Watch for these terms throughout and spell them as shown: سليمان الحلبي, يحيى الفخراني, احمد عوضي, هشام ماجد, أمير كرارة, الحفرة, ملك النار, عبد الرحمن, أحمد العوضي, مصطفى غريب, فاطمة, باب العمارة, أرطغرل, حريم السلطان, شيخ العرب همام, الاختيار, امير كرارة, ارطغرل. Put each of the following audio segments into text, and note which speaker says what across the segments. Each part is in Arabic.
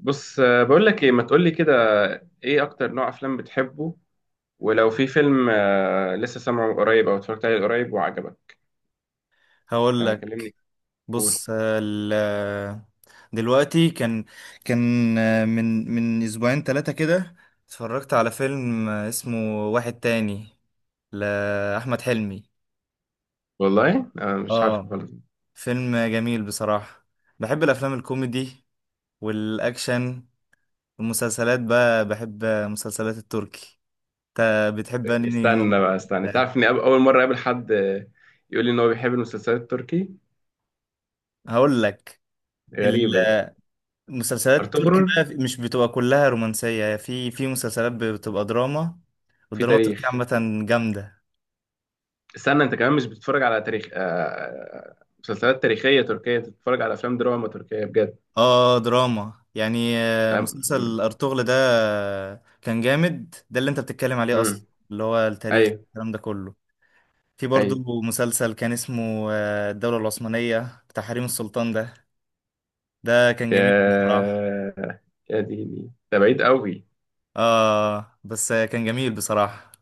Speaker 1: بص، بقول لك ايه ما تقول لي كده. ايه اكتر نوع افلام بتحبه؟ ولو في فيلم لسه سامعه قريب او اتفرجت عليه قريب وعجبك؟
Speaker 2: هقول لك.
Speaker 1: كلمني. قول.
Speaker 2: بص، دلوقتي كان من اسبوعين 3 كده اتفرجت على فيلم اسمه واحد تاني لأحمد حلمي.
Speaker 1: والله، مش عارفه
Speaker 2: اه،
Speaker 1: خالص.
Speaker 2: فيلم جميل بصراحة. بحب الافلام الكوميدي والاكشن. المسلسلات بقى، بحب مسلسلات التركي. انت بتحب انهي نوع؟
Speaker 1: استنى بقى استنى،
Speaker 2: لا،
Speaker 1: تعرف اني اول مره اقابل حد يقول لي ان هو بيحب المسلسلات التركي؟
Speaker 2: هقول لك.
Speaker 1: غريبه دي.
Speaker 2: مسلسلات التركي
Speaker 1: ارطغرل.
Speaker 2: بقى، مش بتبقى كلها رومانسية. في مسلسلات بتبقى دراما،
Speaker 1: في
Speaker 2: والدراما التركية
Speaker 1: تاريخ.
Speaker 2: عامة جامدة.
Speaker 1: استنى، انت كمان مش بتتفرج على تاريخ، مسلسلات تاريخيه تركيه؟ أنت بتتفرج على افلام دراما تركيه بجد؟
Speaker 2: اه، دراما يعني. مسلسل أرطغرل ده كان جامد. ده اللي انت بتتكلم عليه
Speaker 1: امم.
Speaker 2: اصلا، اللي هو التاريخ
Speaker 1: ايوه
Speaker 2: الكلام ده كله. في
Speaker 1: ايوه.
Speaker 2: برضو مسلسل كان اسمه الدولة العثمانية بتاع حريم السلطان ده. ده كان جميل
Speaker 1: يا
Speaker 2: بصراحة.
Speaker 1: يا ديني، ده بعيد قوي.
Speaker 2: اه، بس كان جميل بصراحة.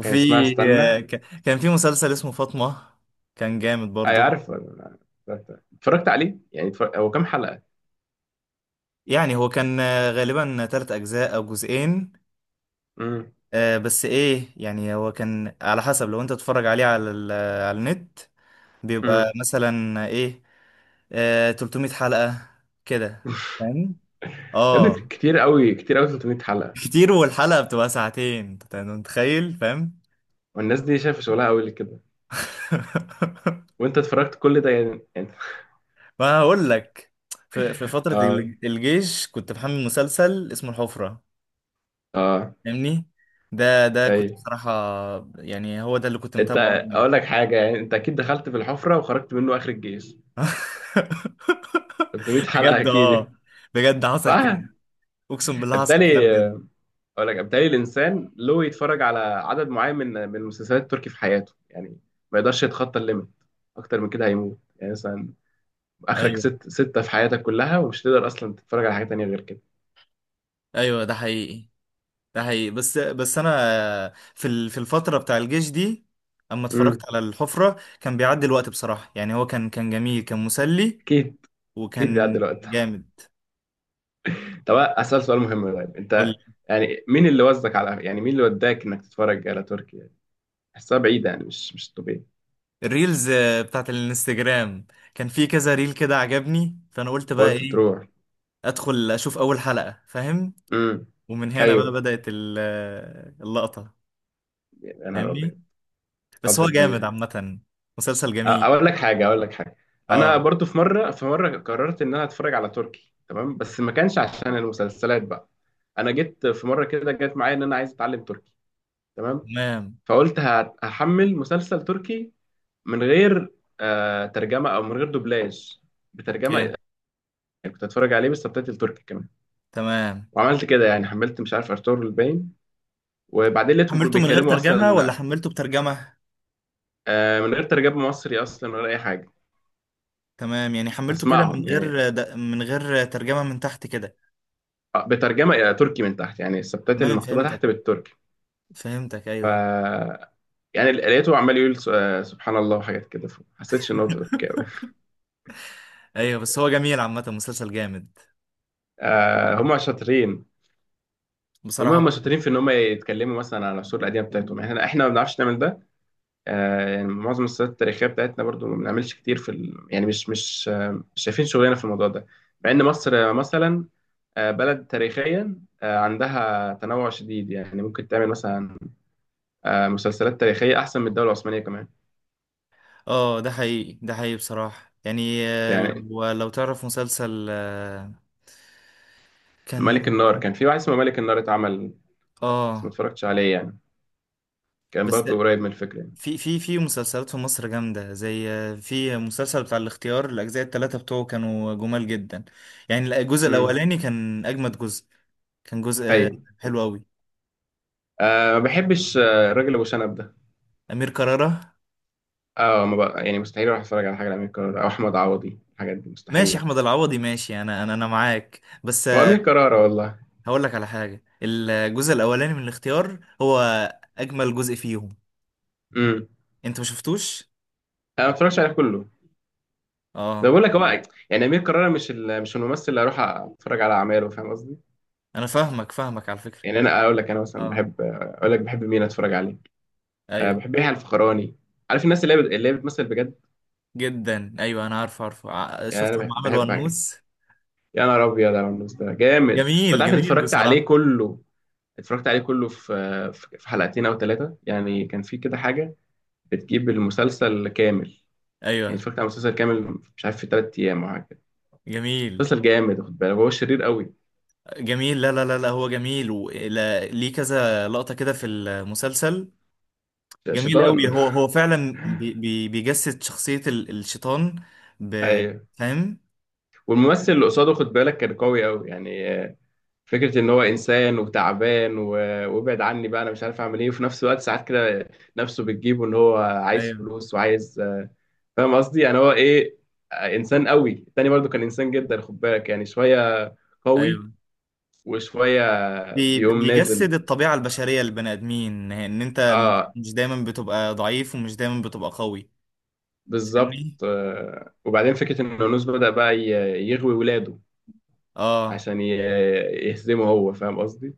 Speaker 1: كان اسمها
Speaker 2: آه،
Speaker 1: استنى.
Speaker 2: ك- كان في مسلسل اسمه فاطمة. كان جامد
Speaker 1: اي،
Speaker 2: برضو.
Speaker 1: عارفه. اتفرجت عليه يعني، هو كام حلقة؟
Speaker 2: يعني هو كان غالبا تلات أجزاء أو جزئين.
Speaker 1: امم.
Speaker 2: بس إيه، يعني هو كان على حسب، لو أنت تتفرج عليه على على النت، بيبقى
Speaker 1: امم.
Speaker 2: مثلا إيه، 300 حلقة كده. فاهم؟
Speaker 1: يا ابني،
Speaker 2: آه.
Speaker 1: كتير قوي كتير قوي، 300 حلقة.
Speaker 2: كتير، والحلقة بتبقى ساعتين، أنت متخيل؟ فاهم؟
Speaker 1: والناس دي شايفة شغلها قوي كده. وانت اتفرجت كل ده، يعني.
Speaker 2: ما هقول لك. في فترة
Speaker 1: اه.
Speaker 2: الجيش كنت بحمل مسلسل اسمه الحفرة.
Speaker 1: اه.
Speaker 2: فاهمني؟ ده
Speaker 1: اي،
Speaker 2: كنت بصراحة، يعني هو ده اللي كنت
Speaker 1: انت،
Speaker 2: متابعه.
Speaker 1: اقول لك حاجة، يعني انت اكيد دخلت في الحفرة وخرجت منه اخر الجيش، 300 حلقة
Speaker 2: بجد
Speaker 1: اكيد
Speaker 2: اه،
Speaker 1: يعني.
Speaker 2: بجد حصل كده.
Speaker 1: صح.
Speaker 2: اقسم بالله حصل كده
Speaker 1: بالتالي،
Speaker 2: بجد.
Speaker 1: اقول لك بالتالي الانسان له يتفرج على عدد معين من المسلسلات التركي في حياته يعني. ما يقدرش يتخطى الليميت. اكتر من كده هيموت، يعني مثلا اخرك
Speaker 2: ايوه،
Speaker 1: ست، ستة في حياتك كلها، ومش تقدر اصلا تتفرج على حاجة تانية غير كده.
Speaker 2: ايوه، ده حقيقي. ده حقيقي، بس انا، في الفتره بتاع الجيش دي، اما اتفرجت
Speaker 1: امم.
Speaker 2: على الحفره كان بيعدي الوقت بصراحه. يعني هو كان جميل، كان مسلي،
Speaker 1: اكيد، اكيد بيعدي
Speaker 2: وكان
Speaker 1: الوقت.
Speaker 2: جامد.
Speaker 1: طب، اسال سؤال مهم. طيب
Speaker 2: قول
Speaker 1: انت،
Speaker 2: لي.
Speaker 1: يعني مين اللي وزك على، يعني مين اللي وداك انك تتفرج على تركي يعني؟ حسها بعيدة، يعني مش طبيعي.
Speaker 2: الريلز بتاعت الانستجرام. كان في كذا ريل كده عجبني، فانا قلت بقى
Speaker 1: فقلت
Speaker 2: ايه،
Speaker 1: تروح.
Speaker 2: ادخل اشوف اول حلقه. فاهم؟
Speaker 1: امم.
Speaker 2: ومن هنا بقى
Speaker 1: ايوه.
Speaker 2: بدات اللقطه.
Speaker 1: يا نهار
Speaker 2: فاهمني؟
Speaker 1: ابيض.
Speaker 2: بس
Speaker 1: غلطة
Speaker 2: هو جامد
Speaker 1: كبيرة.
Speaker 2: عامة، مسلسل جميل.
Speaker 1: اقول لك حاجه. انا
Speaker 2: اه،
Speaker 1: برضو في مره قررت ان انا اتفرج على تركي، تمام، بس ما كانش عشان المسلسلات بقى. انا جيت في مره كده جت معايا ان انا عايز اتعلم تركي. تمام.
Speaker 2: تمام.
Speaker 1: فقلت هحمل مسلسل تركي من غير ترجمه او من غير دوبلاج،
Speaker 2: اوكي،
Speaker 1: بترجمه يعني. كنت اتفرج عليه بالسبتايتل تركي كمان.
Speaker 2: تمام.
Speaker 1: وعملت كده يعني، حملت مش عارف ارطغرل الباين، وبعدين لقيتهم كانوا
Speaker 2: حملته من غير
Speaker 1: بيتكلموا
Speaker 2: ترجمة ولا
Speaker 1: اصلا
Speaker 2: حملته بترجمة؟
Speaker 1: من غير ترجمه مصري اصلا ولا اي حاجه.
Speaker 2: تمام، يعني حملته كده من
Speaker 1: هسمعهم
Speaker 2: غير
Speaker 1: يعني
Speaker 2: من غير ترجمة من تحت كده.
Speaker 1: بترجمه الى تركي من تحت، يعني السبتات
Speaker 2: تمام،
Speaker 1: المكتوبه تحت
Speaker 2: فهمتك،
Speaker 1: بالتركي.
Speaker 2: فهمتك،
Speaker 1: ف،
Speaker 2: ايوه.
Speaker 1: يعني لقيته عمال يقول سبحان الله وحاجات كده، فما حسيتش ان هو تركي قوي.
Speaker 2: ايوه، بس هو جميل عامة، مسلسل جامد
Speaker 1: هم شاطرين. هم
Speaker 2: بصراحة.
Speaker 1: هم شاطرين في ان هم يتكلموا مثلا على العصور القديمه بتاعتهم، يعني احنا ما بنعرفش نعمل ده. يعني معظم السيرات التاريخيه بتاعتنا برضو ما بنعملش كتير يعني مش مش شايفين شغلنا في الموضوع ده. مع ان مصر مثلا بلد تاريخيا، عندها تنوع شديد، يعني ممكن تعمل مثلا مسلسلات تاريخيه احسن من الدوله العثمانيه كمان
Speaker 2: اه، ده حقيقي. ده حقيقي بصراحة، يعني
Speaker 1: يعني.
Speaker 2: لو تعرف مسلسل
Speaker 1: ملك
Speaker 2: كان،
Speaker 1: النار، كان في واحد اسمه ملك النار اتعمل، بس ما
Speaker 2: اه.
Speaker 1: اتفرجتش عليه يعني. كان
Speaker 2: بس
Speaker 1: برضه قريب من الفكرة يعني.
Speaker 2: في مسلسلات في مصر جامدة، زي في مسلسل بتاع الاختيار. الأجزاء التلاتة بتوعه كانوا جمال جدا. يعني الجزء
Speaker 1: امم.
Speaker 2: الأولاني كان أجمد جزء. كان جزء
Speaker 1: ايوه.
Speaker 2: حلو أوي.
Speaker 1: ما بحبش الراجل ابو شنب ده.
Speaker 2: أمير كرارة،
Speaker 1: اه، ما بقى يعني مستحيل اروح اتفرج على حاجة لأمير كرارة او احمد عوضي، الحاجات دي
Speaker 2: ماشي.
Speaker 1: مستحيل.
Speaker 2: أحمد العوضي، ماشي. أنا معاك، بس
Speaker 1: وامير كرارة والله.
Speaker 2: هقول لك على حاجة. الجزء الأولاني من الاختيار هو أجمل جزء فيهم.
Speaker 1: امم.
Speaker 2: أنت ما شفتوش؟
Speaker 1: انا ما اتفرجش عليه كله. ده
Speaker 2: آه.
Speaker 1: بقول لك هو، يعني امير كرارة مش الممثل اللي اروح اتفرج على اعماله، فاهم قصدي؟
Speaker 2: أنا فاهمك، فاهمك على فكرة.
Speaker 1: يعني انا اقول لك، انا مثلا
Speaker 2: آه،
Speaker 1: بحب، اقول لك بحب مين اتفرج عليه.
Speaker 2: أيوه.
Speaker 1: بحب يحيى الفخراني. عارف الناس اللي هي بتمثل بجد.
Speaker 2: جدا، أيوه. أنا عارف، عارفه،
Speaker 1: يعني
Speaker 2: شفت هم
Speaker 1: انا
Speaker 2: عملوا
Speaker 1: بحب،
Speaker 2: ونوس.
Speaker 1: يا نهار ابيض على النص ده جامد، فانت
Speaker 2: جميل،
Speaker 1: عارف إني
Speaker 2: جميل
Speaker 1: اتفرجت عليه
Speaker 2: بصراحة.
Speaker 1: كله. اتفرجت عليه كله في حلقتين او ثلاثه يعني، كان في كده حاجه بتجيب المسلسل كامل. يعني
Speaker 2: ايوه،
Speaker 1: اتفرجت على المسلسل كامل، مش عارف في 3 ايام او حاجه كده.
Speaker 2: جميل،
Speaker 1: مسلسل جامد، خد بالك هو شرير قوي.
Speaker 2: جميل. لا، لا، لا، لا، هو جميل، ولا ليه كذا لقطة كده في المسلسل. جميل قوي.
Speaker 1: شيطان.
Speaker 2: هو فعلا بي بي بيجسد شخصية الشيطان. ب
Speaker 1: ايوه.
Speaker 2: فاهم؟
Speaker 1: والممثل اللي قصاده خد بالك كان قوي قوي يعني، فكره ان هو انسان وتعبان وابعد عني بقى انا مش عارف اعمل ايه، وفي نفس الوقت ساعات كده نفسه بتجيبه ان هو عايز
Speaker 2: ايوه،
Speaker 1: فلوس وعايز. فاهم قصدي؟ يعني هو ايه؟ انسان قوي. التاني برضو كان انسان جدا خد بالك، يعني شويه قوي
Speaker 2: ايوه.
Speaker 1: وشويه بيقوم نازل.
Speaker 2: بيجسد الطبيعة البشرية للبني آدمين، ان انت مش
Speaker 1: اه،
Speaker 2: مش دايما بتبقى ضعيف، ومش دايما بتبقى قوي.
Speaker 1: بالظبط.
Speaker 2: فاهمني؟
Speaker 1: وبعدين فكره ان يونس بدأ بقى يغوي ولاده
Speaker 2: اه،
Speaker 1: عشان يهزمه هو، فاهم قصدي؟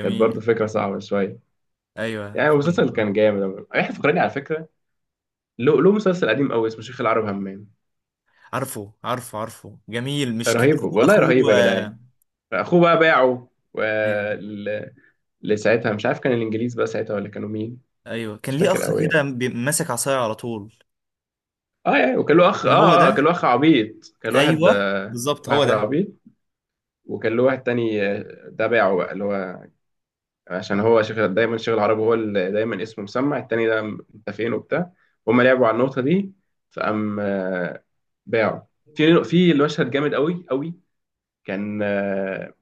Speaker 1: كانت برضو فكره صعبه شويه.
Speaker 2: ايوه،
Speaker 1: يعني المسلسل
Speaker 2: فاهمك.
Speaker 1: كان جامد. احنا، فكرني على فكره، له مسلسل قديم قوي اسمه شيخ العرب همام.
Speaker 2: عارفه، عارفه، عارفه، جميل. مش كان
Speaker 1: رهيب
Speaker 2: اخوه
Speaker 1: والله، رهيب يا
Speaker 2: اخوه
Speaker 1: جدعان.
Speaker 2: آه،
Speaker 1: اخوه بقى باعه و...
Speaker 2: ايوه،
Speaker 1: ل- لساعتها مش عارف كان الانجليز بقى ساعتها ولا كانوا مين.
Speaker 2: ايوه، كان
Speaker 1: مش
Speaker 2: ليه
Speaker 1: فاكر
Speaker 2: اخ
Speaker 1: قوي
Speaker 2: كده
Speaker 1: يعني.
Speaker 2: ماسك عصايه على طول.
Speaker 1: اه، يعني وكان له اخ،
Speaker 2: كان هو
Speaker 1: كان
Speaker 2: ده.
Speaker 1: له اخ عبيط، كان له واحد
Speaker 2: ايوه، بالظبط هو
Speaker 1: واحد
Speaker 2: ده.
Speaker 1: عبيط. وكان له واحد تاني ده باعه بقى، اللي هو عشان هو شغل دايما شغل عربي، هو اللي دايما اسمه مسمع التاني ده، انت فين وبتاع. هما لعبوا على النقطة دي، فقام باعه. في المشهد جامد قوي قوي. كان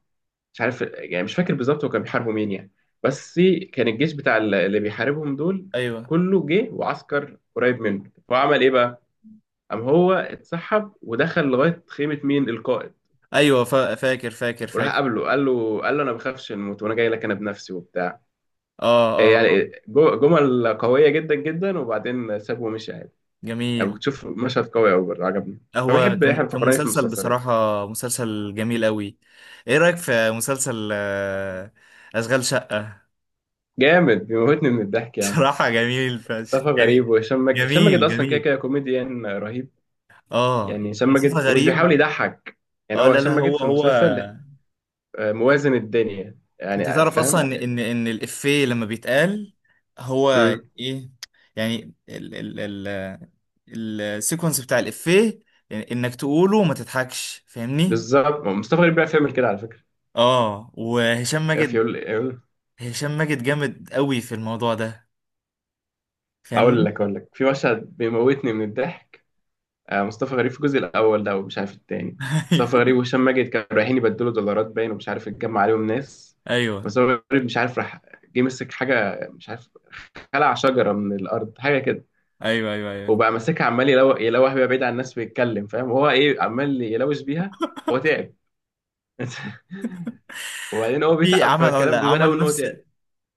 Speaker 1: مش عارف يعني، مش فاكر بالظبط هو كان بيحاربوا مين يعني، بس كان الجيش بتاع اللي بيحاربهم دول
Speaker 2: ايوه،
Speaker 1: كله جه وعسكر قريب منه، فهو عمل ايه بقى؟ قام هو اتسحب ودخل لغايه خيمه مين، القائد.
Speaker 2: ايوه، فاكر، فاكر،
Speaker 1: وراح
Speaker 2: فاكر.
Speaker 1: قابله، قال له: انا ما بخافش من الموت وانا جاي لك انا بنفسي وبتاع. إيه
Speaker 2: اه، اه،
Speaker 1: يعني، جمل قويه جدا جدا، وبعدين سابه ومشي عادي. انا
Speaker 2: جميل.
Speaker 1: كنت شوف مشهد قوي قوي برضه، عجبني.
Speaker 2: هو
Speaker 1: فبحب
Speaker 2: كان
Speaker 1: يحيى
Speaker 2: كان
Speaker 1: الفخراني في
Speaker 2: مسلسل
Speaker 1: المسلسلات.
Speaker 2: بصراحه، مسلسل جميل قوي. ايه رايك في مسلسل اشغال شقه؟
Speaker 1: جامد، بيموتني من الضحك يا عم.
Speaker 2: بصراحه جميل فشخ،
Speaker 1: مصطفى غريب
Speaker 2: يعني.
Speaker 1: وهشام ماجد. هشام ماجد
Speaker 2: جميل،
Speaker 1: اصلا كده
Speaker 2: جميل.
Speaker 1: كده كوميديان رهيب،
Speaker 2: اه،
Speaker 1: يعني هشام
Speaker 2: مصطفى
Speaker 1: ماجد ومش بيحاول
Speaker 2: غريب.
Speaker 1: يضحك. يعني
Speaker 2: اه،
Speaker 1: هو
Speaker 2: لا، لا،
Speaker 1: هشام ماجد
Speaker 2: هو
Speaker 1: في
Speaker 2: هو
Speaker 1: المسلسل موازن الدنيا
Speaker 2: انت
Speaker 1: يعني،
Speaker 2: تعرف اصلا
Speaker 1: فاهم
Speaker 2: ان
Speaker 1: يعني؟
Speaker 2: الافيه لما بيتقال هو
Speaker 1: امم.
Speaker 2: ايه؟ يعني ال ال السيكونس بتاع الافيه، يعني انك تقوله وما تضحكش. فاهمني؟
Speaker 1: بالظبط، مصطفى غريب بيعرف يعمل كده على فكره.
Speaker 2: اه. وهشام
Speaker 1: يا
Speaker 2: ماجد،
Speaker 1: فيول يقول.
Speaker 2: هشام ماجد جامد قوي في الموضوع ده.
Speaker 1: اقول
Speaker 2: فاهمني؟
Speaker 1: لك اقول لك في مشهد بيموتني من الضحك، مصطفى غريب في الجزء الاول ده ومش عارف التاني. مصطفى غريب وهشام ماجد كانوا رايحين يبدلوا دولارات باين، ومش عارف اتجمع عليهم ناس.
Speaker 2: ايوه،
Speaker 1: مصطفى غريب مش عارف راح، جه مسك حاجه مش عارف، خلع شجره من الارض حاجه كده،
Speaker 2: ايوه، ايوه، ايوه.
Speaker 1: وبقى ماسكها عمال يلوح بيها بعيد عن الناس ويتكلم، فاهم هو ايه، عمال يلوش بيها. هو تعب. وبعدين هو
Speaker 2: في
Speaker 1: بيتعب
Speaker 2: عمل
Speaker 1: فالكلام بيبان قوي
Speaker 2: عمل
Speaker 1: ان هو
Speaker 2: نفس
Speaker 1: تعب.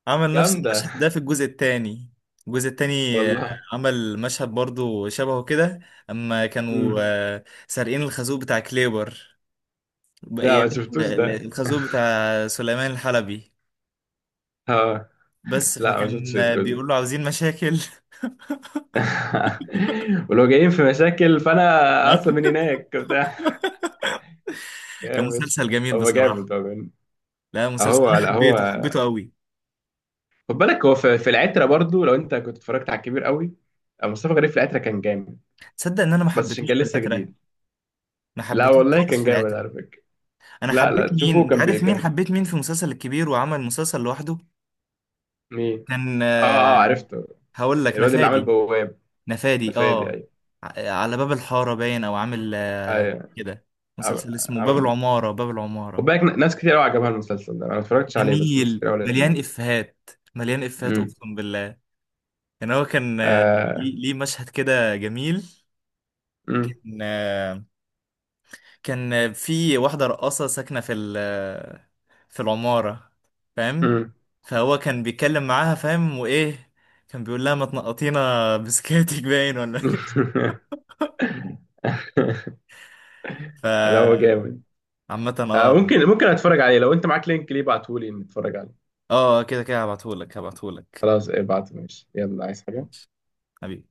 Speaker 2: عمل نفس
Speaker 1: جامده
Speaker 2: المشهد ده في الجزء الثاني. الجزء الثاني
Speaker 1: والله.
Speaker 2: عمل مشهد برضو شبهه كده، اما كانوا
Speaker 1: مم.
Speaker 2: سارقين الخازوق بتاع كليبر
Speaker 1: لا،
Speaker 2: بأيام.
Speaker 1: ما شفتوش ده.
Speaker 2: الخازوق بتاع سليمان الحلبي. بس
Speaker 1: لا، ما شفتش
Speaker 2: فكان
Speaker 1: الجزء.
Speaker 2: بيقول له عاوزين مشاكل.
Speaker 1: ولو جايين في مشاكل فانا اصلا من هناك بتاع
Speaker 2: كان
Speaker 1: جامد.
Speaker 2: مسلسل جميل
Speaker 1: هو
Speaker 2: بصراحة.
Speaker 1: جامد، هو جامد.
Speaker 2: لا، مسلسل
Speaker 1: هو،
Speaker 2: انا
Speaker 1: لا، هو،
Speaker 2: حبيته، حبيته قوي.
Speaker 1: خد بالك هو في العترة برضو، لو انت كنت اتفرجت على الكبير قوي، مصطفى غريب في العترة كان جامد.
Speaker 2: تصدق ان انا ما
Speaker 1: بس عشان
Speaker 2: حبيتوش
Speaker 1: كان
Speaker 2: في
Speaker 1: لسه
Speaker 2: العترة؟
Speaker 1: جديد.
Speaker 2: ما
Speaker 1: لا
Speaker 2: حبيتوش
Speaker 1: والله،
Speaker 2: خالص
Speaker 1: كان
Speaker 2: في
Speaker 1: جامد
Speaker 2: العترة.
Speaker 1: على فكرة.
Speaker 2: انا
Speaker 1: لا،
Speaker 2: حبيت
Speaker 1: لا،
Speaker 2: مين؟
Speaker 1: تشوفه
Speaker 2: انت عارف مين
Speaker 1: كان.
Speaker 2: حبيت؟ مين في المسلسل الكبير وعمل مسلسل لوحده؟
Speaker 1: مين؟
Speaker 2: كان
Speaker 1: اه، اه، عرفته.
Speaker 2: هقول لك،
Speaker 1: الواد اللي عمل
Speaker 2: نفادي.
Speaker 1: بواب،
Speaker 2: نفادي،
Speaker 1: نفادي.
Speaker 2: اه.
Speaker 1: ايوه.
Speaker 2: على باب الحارة باين، او عامل
Speaker 1: ايوه.
Speaker 2: كده.
Speaker 1: عم-
Speaker 2: مسلسل اسمه باب
Speaker 1: عمل.
Speaker 2: العمارة. باب
Speaker 1: خد
Speaker 2: العمارة
Speaker 1: بالك ناس كتير قوي عجبها المسلسل ده، انا ما اتفرجتش عليه، بس ناس كتير
Speaker 2: جميل،
Speaker 1: قوي قالت انه.
Speaker 2: مليان افيهات. مليان افيهات اقسم بالله. يعني هو كان
Speaker 1: امم.
Speaker 2: ليه مشهد كده جميل.
Speaker 1: مم.
Speaker 2: كان في واحدة رقاصة ساكنة في ال- آه، في العمارة. فاهم؟
Speaker 1: مم.
Speaker 2: فهو كان بيتكلم معاها، فاهم؟ وايه؟ كان بيقول لها: ما تنقطينا بسكاتك باين ولا؟
Speaker 1: لا، هو
Speaker 2: فعامة.
Speaker 1: جامد.
Speaker 2: اه،
Speaker 1: ممكن اتفرج عليه، لو انت معاك لينك ليه ابعتهولي نتفرج عليه.
Speaker 2: اه، كده كده هبعتهولك، هبعتهولك.
Speaker 1: خلاص، ابعته ماشي. يلا، عايز حاجة؟
Speaker 2: ماشي. حبيبي.